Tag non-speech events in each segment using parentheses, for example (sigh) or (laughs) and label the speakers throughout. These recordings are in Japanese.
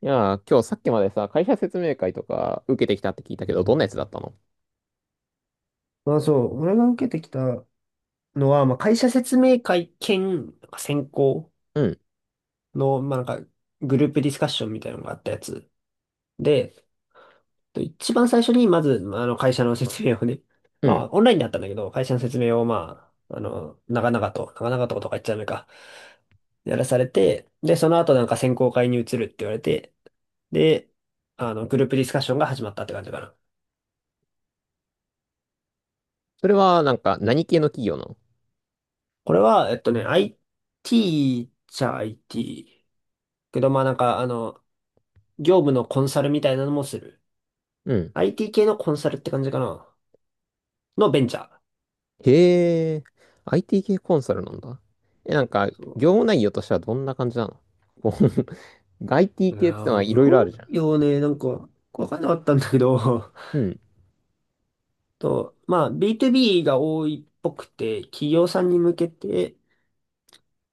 Speaker 1: いやー、今日さっきまでさ、会社説明会とか受けてきたって聞いたけど、どんなやつだったの？
Speaker 2: まあそう、俺が受けてきたのは、まあ会社説明会兼、なんか選考
Speaker 1: うん、
Speaker 2: の、まあなんかグループディスカッションみたいなのがあったやつ。で、一番最初にまず、まあ会社の説明をね、(laughs)
Speaker 1: う
Speaker 2: ま
Speaker 1: ん。
Speaker 2: あオンラインだったんだけど、会社の説明を長々と、長々ととか言っちゃダメか、やらされて、で、その後なんか選考会に移るって言われて、で、グループディスカッションが始まったって感じかな。
Speaker 1: それは、なんか、何系の企業なの？
Speaker 2: これは、IT じゃ IT。けど、業務のコンサルみたいなのもする。
Speaker 1: うん。
Speaker 2: IT 系のコンサルって感じかな。のベンチャー。
Speaker 1: へえ、IT 系コンサルなんだ。え、なんか、
Speaker 2: そ
Speaker 1: 業務内容としてはどんな感じなの？こう (laughs) IT
Speaker 2: う。
Speaker 1: 系ってのはい
Speaker 2: 業
Speaker 1: ろいろあるじゃ
Speaker 2: 務
Speaker 1: ん。
Speaker 2: 用ね、わかんなかったんだけど、
Speaker 1: うん、
Speaker 2: (laughs) と、まあ、B2B が多いっぽくて、企業さんに向けて、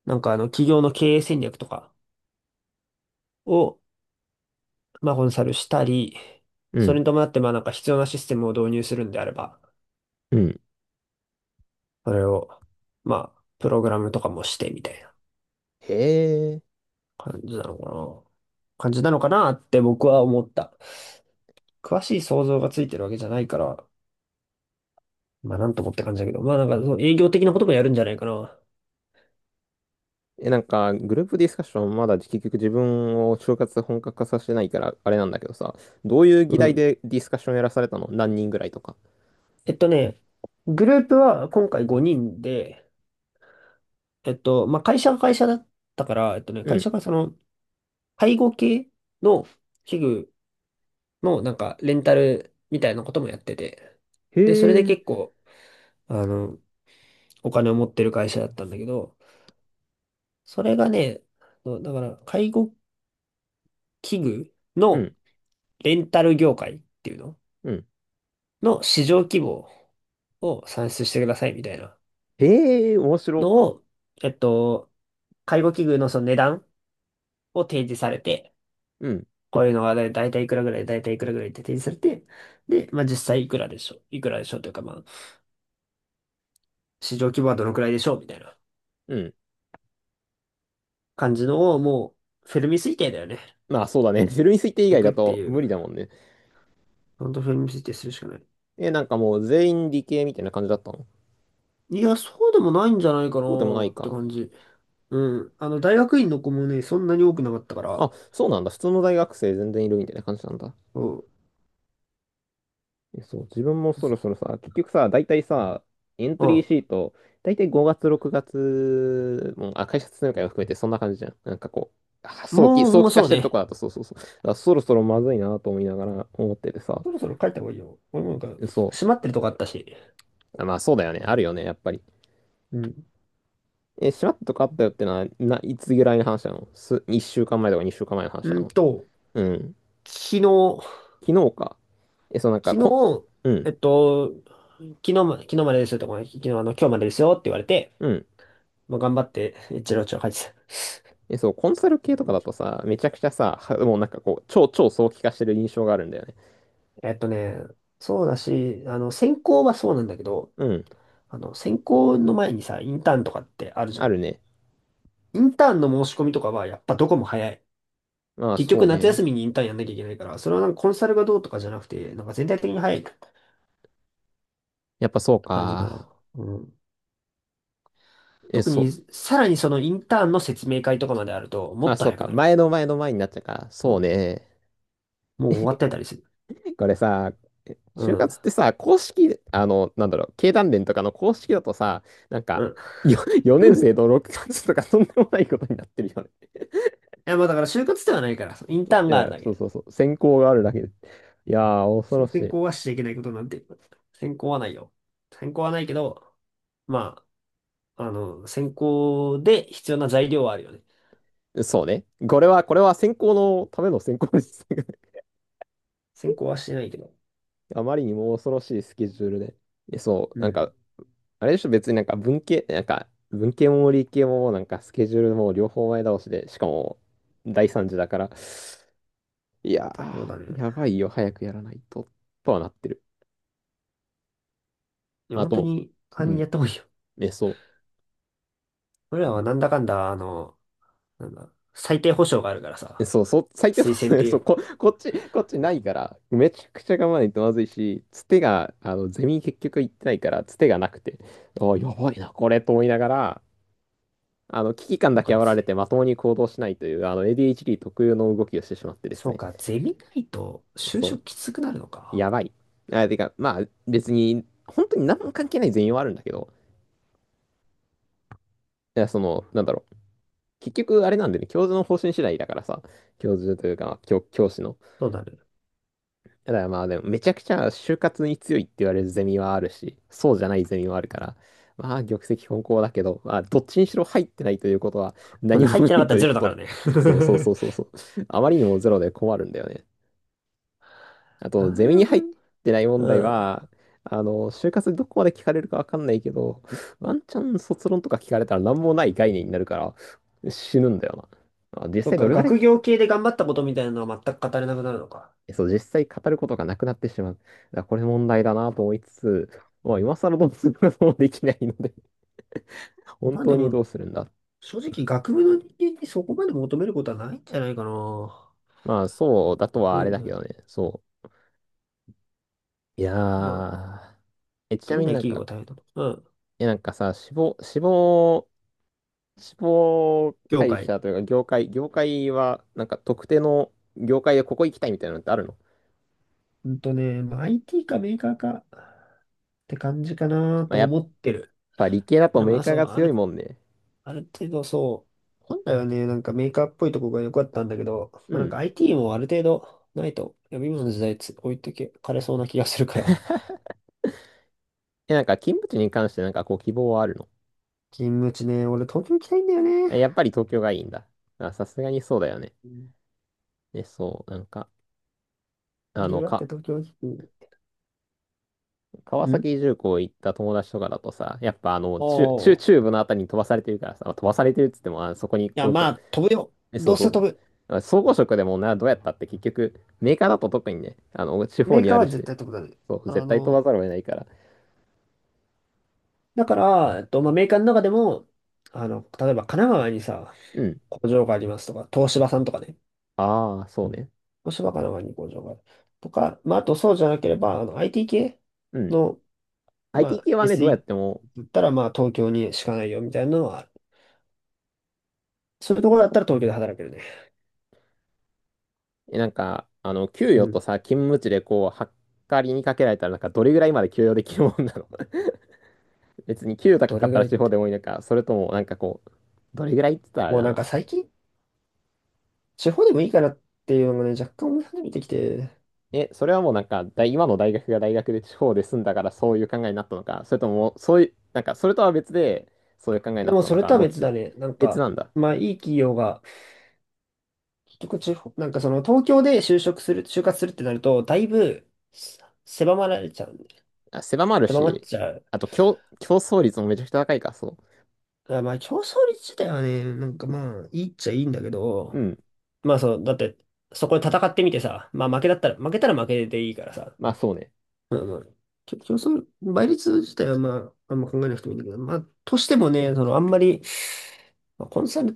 Speaker 2: 企業の経営戦略とかを、まあ、コンサルしたり、
Speaker 1: う
Speaker 2: それ
Speaker 1: ん、
Speaker 2: に伴って、必要なシステムを導入するんであれば、
Speaker 1: うん。
Speaker 2: それを、まあ、プログラムとかもしてみたいな
Speaker 1: へえ。
Speaker 2: 感じなのかな。感じなのかなって僕は思った。詳しい想像がついてるわけじゃないから、まあなんともって感じだけど、まあなんかその営業的なこともやるんじゃないかな。
Speaker 1: え、なんか、グループディスカッションまだ結局自分を就活本格化させてないから、あれなんだけどさ、どういう議
Speaker 2: う
Speaker 1: 題
Speaker 2: ん。
Speaker 1: でディスカッションやらされたの？何人ぐらいとか。
Speaker 2: えっとね、グループは今回5人で、まあ会社が会社だったから、えっとね、
Speaker 1: う
Speaker 2: 会
Speaker 1: ん。
Speaker 2: 社がその介護系の器具のなんかレンタルみたいなこともやってて、
Speaker 1: へ
Speaker 2: で、それで
Speaker 1: え。
Speaker 2: 結構、あの、お金を持ってる会社だったんだけど、それがね、そうだから介護器具
Speaker 1: う
Speaker 2: の
Speaker 1: ん。
Speaker 2: レンタル業界っていうの
Speaker 1: うん。
Speaker 2: の市場規模を算出してくださいみたいな
Speaker 1: へえ、面白。
Speaker 2: のを、えっと、介護器具のその値段を提示されて、
Speaker 1: うん。
Speaker 2: こういうのはだいたいいくらぐらい、だいたいいくらぐらいって提示されて、で、まあ実際いくらでしょう、いくらでしょうというか、まあ市場規模はどのくらいでしょうみたいな
Speaker 1: うん。
Speaker 2: 感じのをもうフェルミ推定だよね。
Speaker 1: まあそうだね。(laughs) ゼロに推定
Speaker 2: し
Speaker 1: 以
Speaker 2: てい
Speaker 1: 外
Speaker 2: く
Speaker 1: だ
Speaker 2: って
Speaker 1: と
Speaker 2: い
Speaker 1: 無理
Speaker 2: う。
Speaker 1: だもんね。
Speaker 2: ほんとフェルミ推定するしかない。
Speaker 1: え、なんかもう全員理系みたいな感じだったの？
Speaker 2: いや、そうでもないんじゃないか
Speaker 1: そうでもな
Speaker 2: な
Speaker 1: い
Speaker 2: って
Speaker 1: か。
Speaker 2: 感じ。うん。あの、大学院の子もね、そんなに多くなかったか
Speaker 1: あ、
Speaker 2: ら、
Speaker 1: そうなんだ。普通の大学生全然いるみたいな感じなんだ。
Speaker 2: そ
Speaker 1: えそう、自分もそろそろさ、結局さ、大体さ、エント
Speaker 2: う。う
Speaker 1: リー
Speaker 2: ん。
Speaker 1: シート、大体5月、6月、もう、あ、会社説明会を含めてそんな感じじゃん。なんかこう、あ早期、早
Speaker 2: もう
Speaker 1: 期化
Speaker 2: そ
Speaker 1: し
Speaker 2: う
Speaker 1: てると
Speaker 2: ね。
Speaker 1: こだと、そうそうそう。だからそろそろまずいなと思いながら思っててさ。
Speaker 2: そろそろ帰った方がいいよ。俺もなんか、
Speaker 1: そう。
Speaker 2: 閉まってるとこあったし。
Speaker 1: あまあそうだよね。あるよね、やっぱり。
Speaker 2: うん。
Speaker 1: え、しまったとこあったよってのは、いつぐらいの話なの、1週間前とか2週間前の話
Speaker 2: う
Speaker 1: な
Speaker 2: ん
Speaker 1: の？
Speaker 2: と、
Speaker 1: うん。
Speaker 2: 昨日、
Speaker 1: 昨日か。え、そうなんか、
Speaker 2: 昨日、
Speaker 1: うん、
Speaker 2: えっと、昨日までですよとか、昨日あの、今日までですよって言われて、
Speaker 1: うん。
Speaker 2: まあ、頑張って、一郎長書いてた。
Speaker 1: え、そう、コンサル系とかだとさ、めちゃくちゃさ、はもうなんかこう、超超早期化してる印象があるんだよね。
Speaker 2: えっとね、そうだし、専攻はそうなんだけど、
Speaker 1: うん。
Speaker 2: 専攻の前にさ、インターンとかってあるじゃ
Speaker 1: ある
Speaker 2: ん。
Speaker 1: ね。
Speaker 2: インターンの申し込みとかは、やっぱどこも早い。
Speaker 1: まあ、
Speaker 2: 結
Speaker 1: そ
Speaker 2: 局
Speaker 1: う
Speaker 2: 夏休み
Speaker 1: ね。
Speaker 2: にインターンやんなきゃいけないから、それはなんかコンサルがどうとかじゃなくて、なんか全体的に早い
Speaker 1: やっぱそう
Speaker 2: 感じかな。
Speaker 1: か。
Speaker 2: うん。
Speaker 1: え、
Speaker 2: 特
Speaker 1: そう。
Speaker 2: に、さらにそのインターンの説明会とかまであると、も
Speaker 1: あ、
Speaker 2: っと
Speaker 1: そう
Speaker 2: 早く
Speaker 1: か。
Speaker 2: なる。
Speaker 1: 前の前の前になっちゃうか。
Speaker 2: そ
Speaker 1: そうね。
Speaker 2: う。もう終わってたりする。
Speaker 1: これさ、
Speaker 2: う
Speaker 1: 就
Speaker 2: ん。
Speaker 1: 活ってさ、公式、あの、なんだろう、経団連とかの公式だとさ、なん
Speaker 2: う
Speaker 1: か、
Speaker 2: ん。
Speaker 1: よ4 (laughs) 年生
Speaker 2: (laughs) い
Speaker 1: の6月とかとんでもないことになってるよね。
Speaker 2: や、まあだから就活ではないから、インタ
Speaker 1: (laughs)
Speaker 2: ーン
Speaker 1: い
Speaker 2: がある
Speaker 1: や、
Speaker 2: だ
Speaker 1: そう
Speaker 2: け。
Speaker 1: そうそう、選考があるだけで。いやー、恐ろ
Speaker 2: せ専
Speaker 1: し
Speaker 2: 攻はしちゃいけないことなんて、専攻はないよ。専攻はないけど、まあ、専攻で必要な材料はあるよね。
Speaker 1: い。そうね。これは選考のための選考です。(laughs)
Speaker 2: 専攻はしてないけど。
Speaker 1: あまりにも恐ろしいスケジュールで。えそ
Speaker 2: う
Speaker 1: う、なんか、
Speaker 2: ん。
Speaker 1: あれでしょ、別になんか文系、なんか、文系も理系もなんかスケジュールも両方前倒しで、しかも第三次だから、いや
Speaker 2: そうだね。
Speaker 1: ー、やばいよ、早くやらないと、とはなってる。
Speaker 2: いや、
Speaker 1: あ
Speaker 2: 本当
Speaker 1: と、
Speaker 2: に、早め
Speaker 1: う
Speaker 2: にやっ
Speaker 1: ん、
Speaker 2: た方がいいよ。
Speaker 1: え、そう。
Speaker 2: 俺らはなんだかんだ、最低保障があるから
Speaker 1: え、
Speaker 2: さ、
Speaker 1: そう、そう、最低の、
Speaker 2: 推薦っ
Speaker 1: (laughs)
Speaker 2: てい
Speaker 1: そう、
Speaker 2: う
Speaker 1: こっちないから、めちゃくちゃ我慢ないとまずいし、つてが、あの、ゼミ結局行ってないから、つてがなくて、ああ、やばいな、これ、と思いながら、あの、危機感
Speaker 2: の
Speaker 1: だ
Speaker 2: か
Speaker 1: け
Speaker 2: っ
Speaker 1: 煽られて
Speaker 2: て。
Speaker 1: まともに行動しないという、あの、ADHD 特有の動きをしてしまってです
Speaker 2: そう
Speaker 1: ね。
Speaker 2: か、ゼミないと就
Speaker 1: そ
Speaker 2: 職きつくなるの
Speaker 1: う、や
Speaker 2: か。
Speaker 1: ばい。あ、てか、まあ、別に、本当に何も関係ない全容はあるんだけど、いや、その、なんだろう。結局あれなんでね、教授の方針次第だからさ、教授というか、教師の。
Speaker 2: そうなる。
Speaker 1: だからまあでも、めちゃくちゃ就活に強いって言われるゼミはあるし、そうじゃないゼミはあるから、まあ玉石混交だけど、まあどっちにしろ入ってないということは
Speaker 2: (laughs) そう
Speaker 1: 何
Speaker 2: ね、
Speaker 1: も
Speaker 2: 入っ
Speaker 1: な
Speaker 2: てなか
Speaker 1: い
Speaker 2: った
Speaker 1: と
Speaker 2: ら
Speaker 1: いう
Speaker 2: ゼロ
Speaker 1: こ
Speaker 2: だ
Speaker 1: と
Speaker 2: から
Speaker 1: で。
Speaker 2: ね。
Speaker 1: そうそうそ
Speaker 2: (laughs)
Speaker 1: うそうそう。あまりにもゼロで困るんだよね。あ
Speaker 2: な
Speaker 1: と、ゼミ
Speaker 2: る
Speaker 1: に
Speaker 2: ほ
Speaker 1: 入
Speaker 2: ど
Speaker 1: っ
Speaker 2: ね。
Speaker 1: てない問
Speaker 2: う
Speaker 1: 題
Speaker 2: ん。
Speaker 1: は、あの、就活でどこまで聞かれるかわかんないけど、ワンチャン卒論とか聞かれたら何もない概念になるから死ぬんだよな。まあ実
Speaker 2: そっ
Speaker 1: 際ど
Speaker 2: か、
Speaker 1: れぐらい
Speaker 2: 学
Speaker 1: 聞
Speaker 2: 業系で頑張ったことみたいなのは全く語れなくなるのか。
Speaker 1: そう、実際語ることがなくなってしまう。だからこれ問題だなと思いつつ、まあ、今更どうすることもできないので、(laughs) 本
Speaker 2: まあで
Speaker 1: 当に
Speaker 2: も、
Speaker 1: どうするんだ。
Speaker 2: 正直学部の人間にそこまで求めることはないんじゃないかな。思
Speaker 1: まあ、そうだとは
Speaker 2: う
Speaker 1: あれ
Speaker 2: ん
Speaker 1: だ
Speaker 2: だ
Speaker 1: け
Speaker 2: け
Speaker 1: ど
Speaker 2: ど。
Speaker 1: ね、そう。いや
Speaker 2: まあ、
Speaker 1: ー、え、ち
Speaker 2: 求
Speaker 1: な
Speaker 2: め
Speaker 1: み
Speaker 2: な
Speaker 1: に
Speaker 2: い
Speaker 1: なん
Speaker 2: 企業
Speaker 1: か、
Speaker 2: は大変だと。うん。
Speaker 1: え、なんかさ、死亡、死亡、死亡
Speaker 2: 業
Speaker 1: 会
Speaker 2: 界。
Speaker 1: 社というか、業界は、なんか特定の業界でここ行きたいみたいなのってあるの？
Speaker 2: うんとね、まあ、IT かメーカーかって感じかな
Speaker 1: まあ、
Speaker 2: と
Speaker 1: やっ
Speaker 2: 思ってる。
Speaker 1: ぱ理系だと
Speaker 2: でも
Speaker 1: メ
Speaker 2: ま
Speaker 1: ー
Speaker 2: あ、
Speaker 1: カー
Speaker 2: そう、
Speaker 1: が
Speaker 2: あ
Speaker 1: 強い
Speaker 2: る
Speaker 1: もんね。
Speaker 2: ある程度そう、本来はね、なんかメーカーっぽいとこが良かったんだけど、
Speaker 1: う
Speaker 2: まあ、なん
Speaker 1: ん。
Speaker 2: か IT もある程度ないと、いやっぱ今の時代つ置いてけかれそうな気がするから。(laughs)
Speaker 1: え、なんか勤務地に関してなんかこう希望はあるの？
Speaker 2: 勤務地ね、俺東京行きたいんだよね。
Speaker 1: えやっぱり東京がいいんだ。あ、さすがにそうだよね。
Speaker 2: うん。
Speaker 1: で、そう、なんか、
Speaker 2: い
Speaker 1: あ
Speaker 2: ろい
Speaker 1: の、
Speaker 2: ろあって東京行き、
Speaker 1: 川
Speaker 2: うん、
Speaker 1: 崎重工行った友達とかだとさ、やっぱあの、
Speaker 2: お
Speaker 1: 中、中、
Speaker 2: おー。
Speaker 1: 中
Speaker 2: い
Speaker 1: 部のあたりに飛ばされてるからさ、まあ飛ばされてるっつっても、あ、そこに
Speaker 2: や、
Speaker 1: 工
Speaker 2: ま
Speaker 1: 場、
Speaker 2: あ、飛ぶよ。
Speaker 1: え、そ
Speaker 2: ど
Speaker 1: う
Speaker 2: う
Speaker 1: そ
Speaker 2: せ
Speaker 1: う。
Speaker 2: 飛ぶ。
Speaker 1: あ総合職でもな、どうやったって結局、メーカーだと特にね、あの、地方
Speaker 2: メー
Speaker 1: に
Speaker 2: カー
Speaker 1: ある
Speaker 2: は絶
Speaker 1: し、
Speaker 2: 対飛ぶだね。
Speaker 1: そう、
Speaker 2: あ
Speaker 1: 絶対飛
Speaker 2: の、
Speaker 1: ばざるを得ないから。
Speaker 2: だから、えっと、まあ、メーカーの中でも、あの、例えば神奈川にさ、
Speaker 1: うん。
Speaker 2: 工場がありますとか、東芝さんとかね。
Speaker 1: ああ、そうね。
Speaker 2: そばかのがに工場がある。とか、まあ、あとそうじゃなければ、あの IT 系
Speaker 1: うん。
Speaker 2: の、ま
Speaker 1: IT
Speaker 2: あ、
Speaker 1: 系はね、どうやっても、
Speaker 2: SE だったら、まあ、東京にしかないよみたいなのはある、そういうところだったら東京で働けるね。
Speaker 1: えなんか、あの、給
Speaker 2: う
Speaker 1: 与と
Speaker 2: ん。
Speaker 1: さ、勤務地でこう、はっかりにかけられたら、なんか、どれぐらいまで給与できるもんなの？別に給与高
Speaker 2: ど
Speaker 1: かっ
Speaker 2: れぐ
Speaker 1: たら
Speaker 2: らいっ
Speaker 1: 地方
Speaker 2: て。
Speaker 1: でもいいのか、それともなんかこう、どれぐらいって言ったらあれ
Speaker 2: もう
Speaker 1: だ
Speaker 2: なん
Speaker 1: な。
Speaker 2: か最近、地方でもいいかなっていうのがね、若干思い始めてきて。
Speaker 1: え、それはもうなんか今の大学が大学で地方で住んだからそういう考えになったのか、それとも、そういう、なんか、それとは別で、そういう考えに
Speaker 2: で
Speaker 1: なっ
Speaker 2: も
Speaker 1: た
Speaker 2: そ
Speaker 1: の
Speaker 2: れ
Speaker 1: か、
Speaker 2: とは
Speaker 1: どっ
Speaker 2: 別
Speaker 1: ち？
Speaker 2: だね。
Speaker 1: 別なんだ。
Speaker 2: まあいい企業が、結局地方、なんかその東京で就職する、就活するってなると、だいぶせ狭まられちゃうんで、
Speaker 1: あ、狭まる
Speaker 2: 狭まっ
Speaker 1: し、
Speaker 2: ちゃう。
Speaker 1: あと競争率もめちゃくちゃ高いか、そ
Speaker 2: あまあ、競争率自体はね、なんかまあ、いいっちゃいいんだけ
Speaker 1: う。う
Speaker 2: ど、
Speaker 1: ん。
Speaker 2: まあそう、だって、そこで戦ってみてさ、まあ負けだったら、負けたら負けでいいからさ、
Speaker 1: まあそうね。
Speaker 2: まあまあ、きょ競争、倍率自体はまあ、あんま考えなくてもいいんだけど、まあ、としてもね、その、あんまり、まあコンサルっ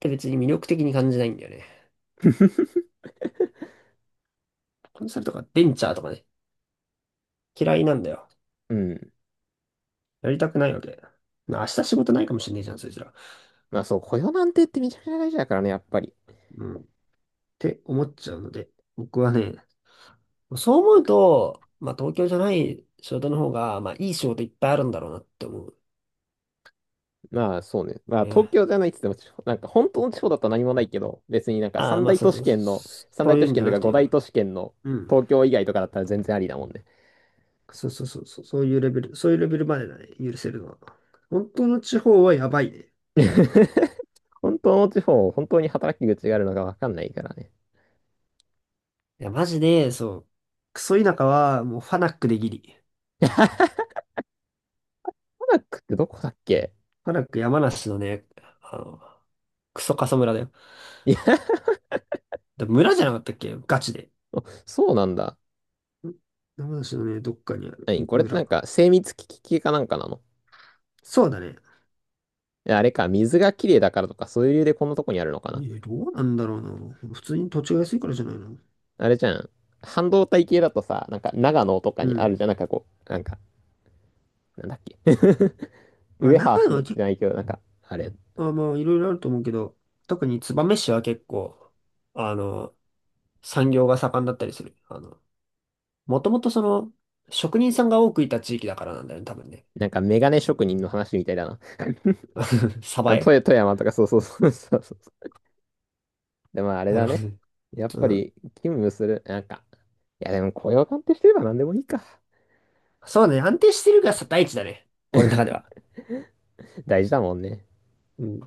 Speaker 2: て別に魅力的に感じないんだよね。
Speaker 1: (laughs)
Speaker 2: コンサルとかベンチャーとかね、嫌いなんだよ。
Speaker 1: うん。
Speaker 2: やりたくないわけ。まあ明日仕事ないかもしれねえじゃん、そいつら。
Speaker 1: まあそう、雇用なんてってめちゃくちゃ大事だからね、やっぱり。
Speaker 2: うん。って思っちゃうので、僕はね、そう思うと、まあ、東京じゃない仕事の方が、まあ、いい仕事いっぱいあるんだろうなって思う
Speaker 1: まあそうね。まあ東
Speaker 2: ね。
Speaker 1: 京じゃないって言っても、なんか本当の地方だと何もないけど、別になんか
Speaker 2: ああ、
Speaker 1: 三
Speaker 2: まあ、
Speaker 1: 大
Speaker 2: そう
Speaker 1: 都
Speaker 2: そ
Speaker 1: 市
Speaker 2: う、
Speaker 1: 圏の、三
Speaker 2: そ
Speaker 1: 大
Speaker 2: うい
Speaker 1: 都
Speaker 2: う
Speaker 1: 市
Speaker 2: んじ
Speaker 1: 圏
Speaker 2: ゃ
Speaker 1: と
Speaker 2: な
Speaker 1: か
Speaker 2: くて
Speaker 1: 五大
Speaker 2: よ。
Speaker 1: 都市圏の
Speaker 2: うん。
Speaker 1: 東京以外とかだったら全然ありだもんね。
Speaker 2: そうそうそう、そうそういうレベルまでだね、許せるのは。本当の地方はやばいね。
Speaker 1: (laughs) 本当の地方、本当に働き口があるのかわかんないからね。
Speaker 2: いや、マジで、そう。クソ田舎は、もう、ファナックでギリ。
Speaker 1: タナックってどこだっけ？
Speaker 2: ファナック山梨のね、あの、クソ過疎村だよ。
Speaker 1: いや、
Speaker 2: で村じゃなかったっけガチで。
Speaker 1: そうなんだ。
Speaker 2: ん、山梨のね、どっかにあるい
Speaker 1: 何これってな
Speaker 2: 村。
Speaker 1: んか精密機器系かなんかなの？
Speaker 2: そうだね。
Speaker 1: いやあれか、水がきれいだからとかそういう理由でこんなとこにあるのかな？
Speaker 2: え、どうなんだろうな。普通に土地が安いからじゃないの。
Speaker 1: あれじゃん。半導体系だとさ、なんか長野とか
Speaker 2: う
Speaker 1: にある
Speaker 2: ん。
Speaker 1: じゃん。なんかこう、なんか、なんだっけ (laughs)
Speaker 2: まあ、
Speaker 1: ウェハー
Speaker 2: 長野は
Speaker 1: ス
Speaker 2: 結
Speaker 1: じゃないけど、なんか、あれ、
Speaker 2: 構、まあ、いろいろあると思うけど、特に燕市は結構、あの、産業が盛んだったりする。あの、もともとその、職人さんが多くいた地域だからなんだよね、多分ね。
Speaker 1: なんかメガネ職人の話みたいだな。
Speaker 2: (laughs) 鯖
Speaker 1: あの、
Speaker 2: 江、
Speaker 1: 富富山とか、そうそうそうそうそう。でもあれ
Speaker 2: な
Speaker 1: だ
Speaker 2: るほ
Speaker 1: ね。やっ
Speaker 2: ど。
Speaker 1: ぱ
Speaker 2: うん。
Speaker 1: り、勤務する、なんか、いやでも雇用鑑定してれば何でもいいか。
Speaker 2: そうね、安定してるが大地だね。俺の中では。
Speaker 1: 大事だもんね。
Speaker 2: うん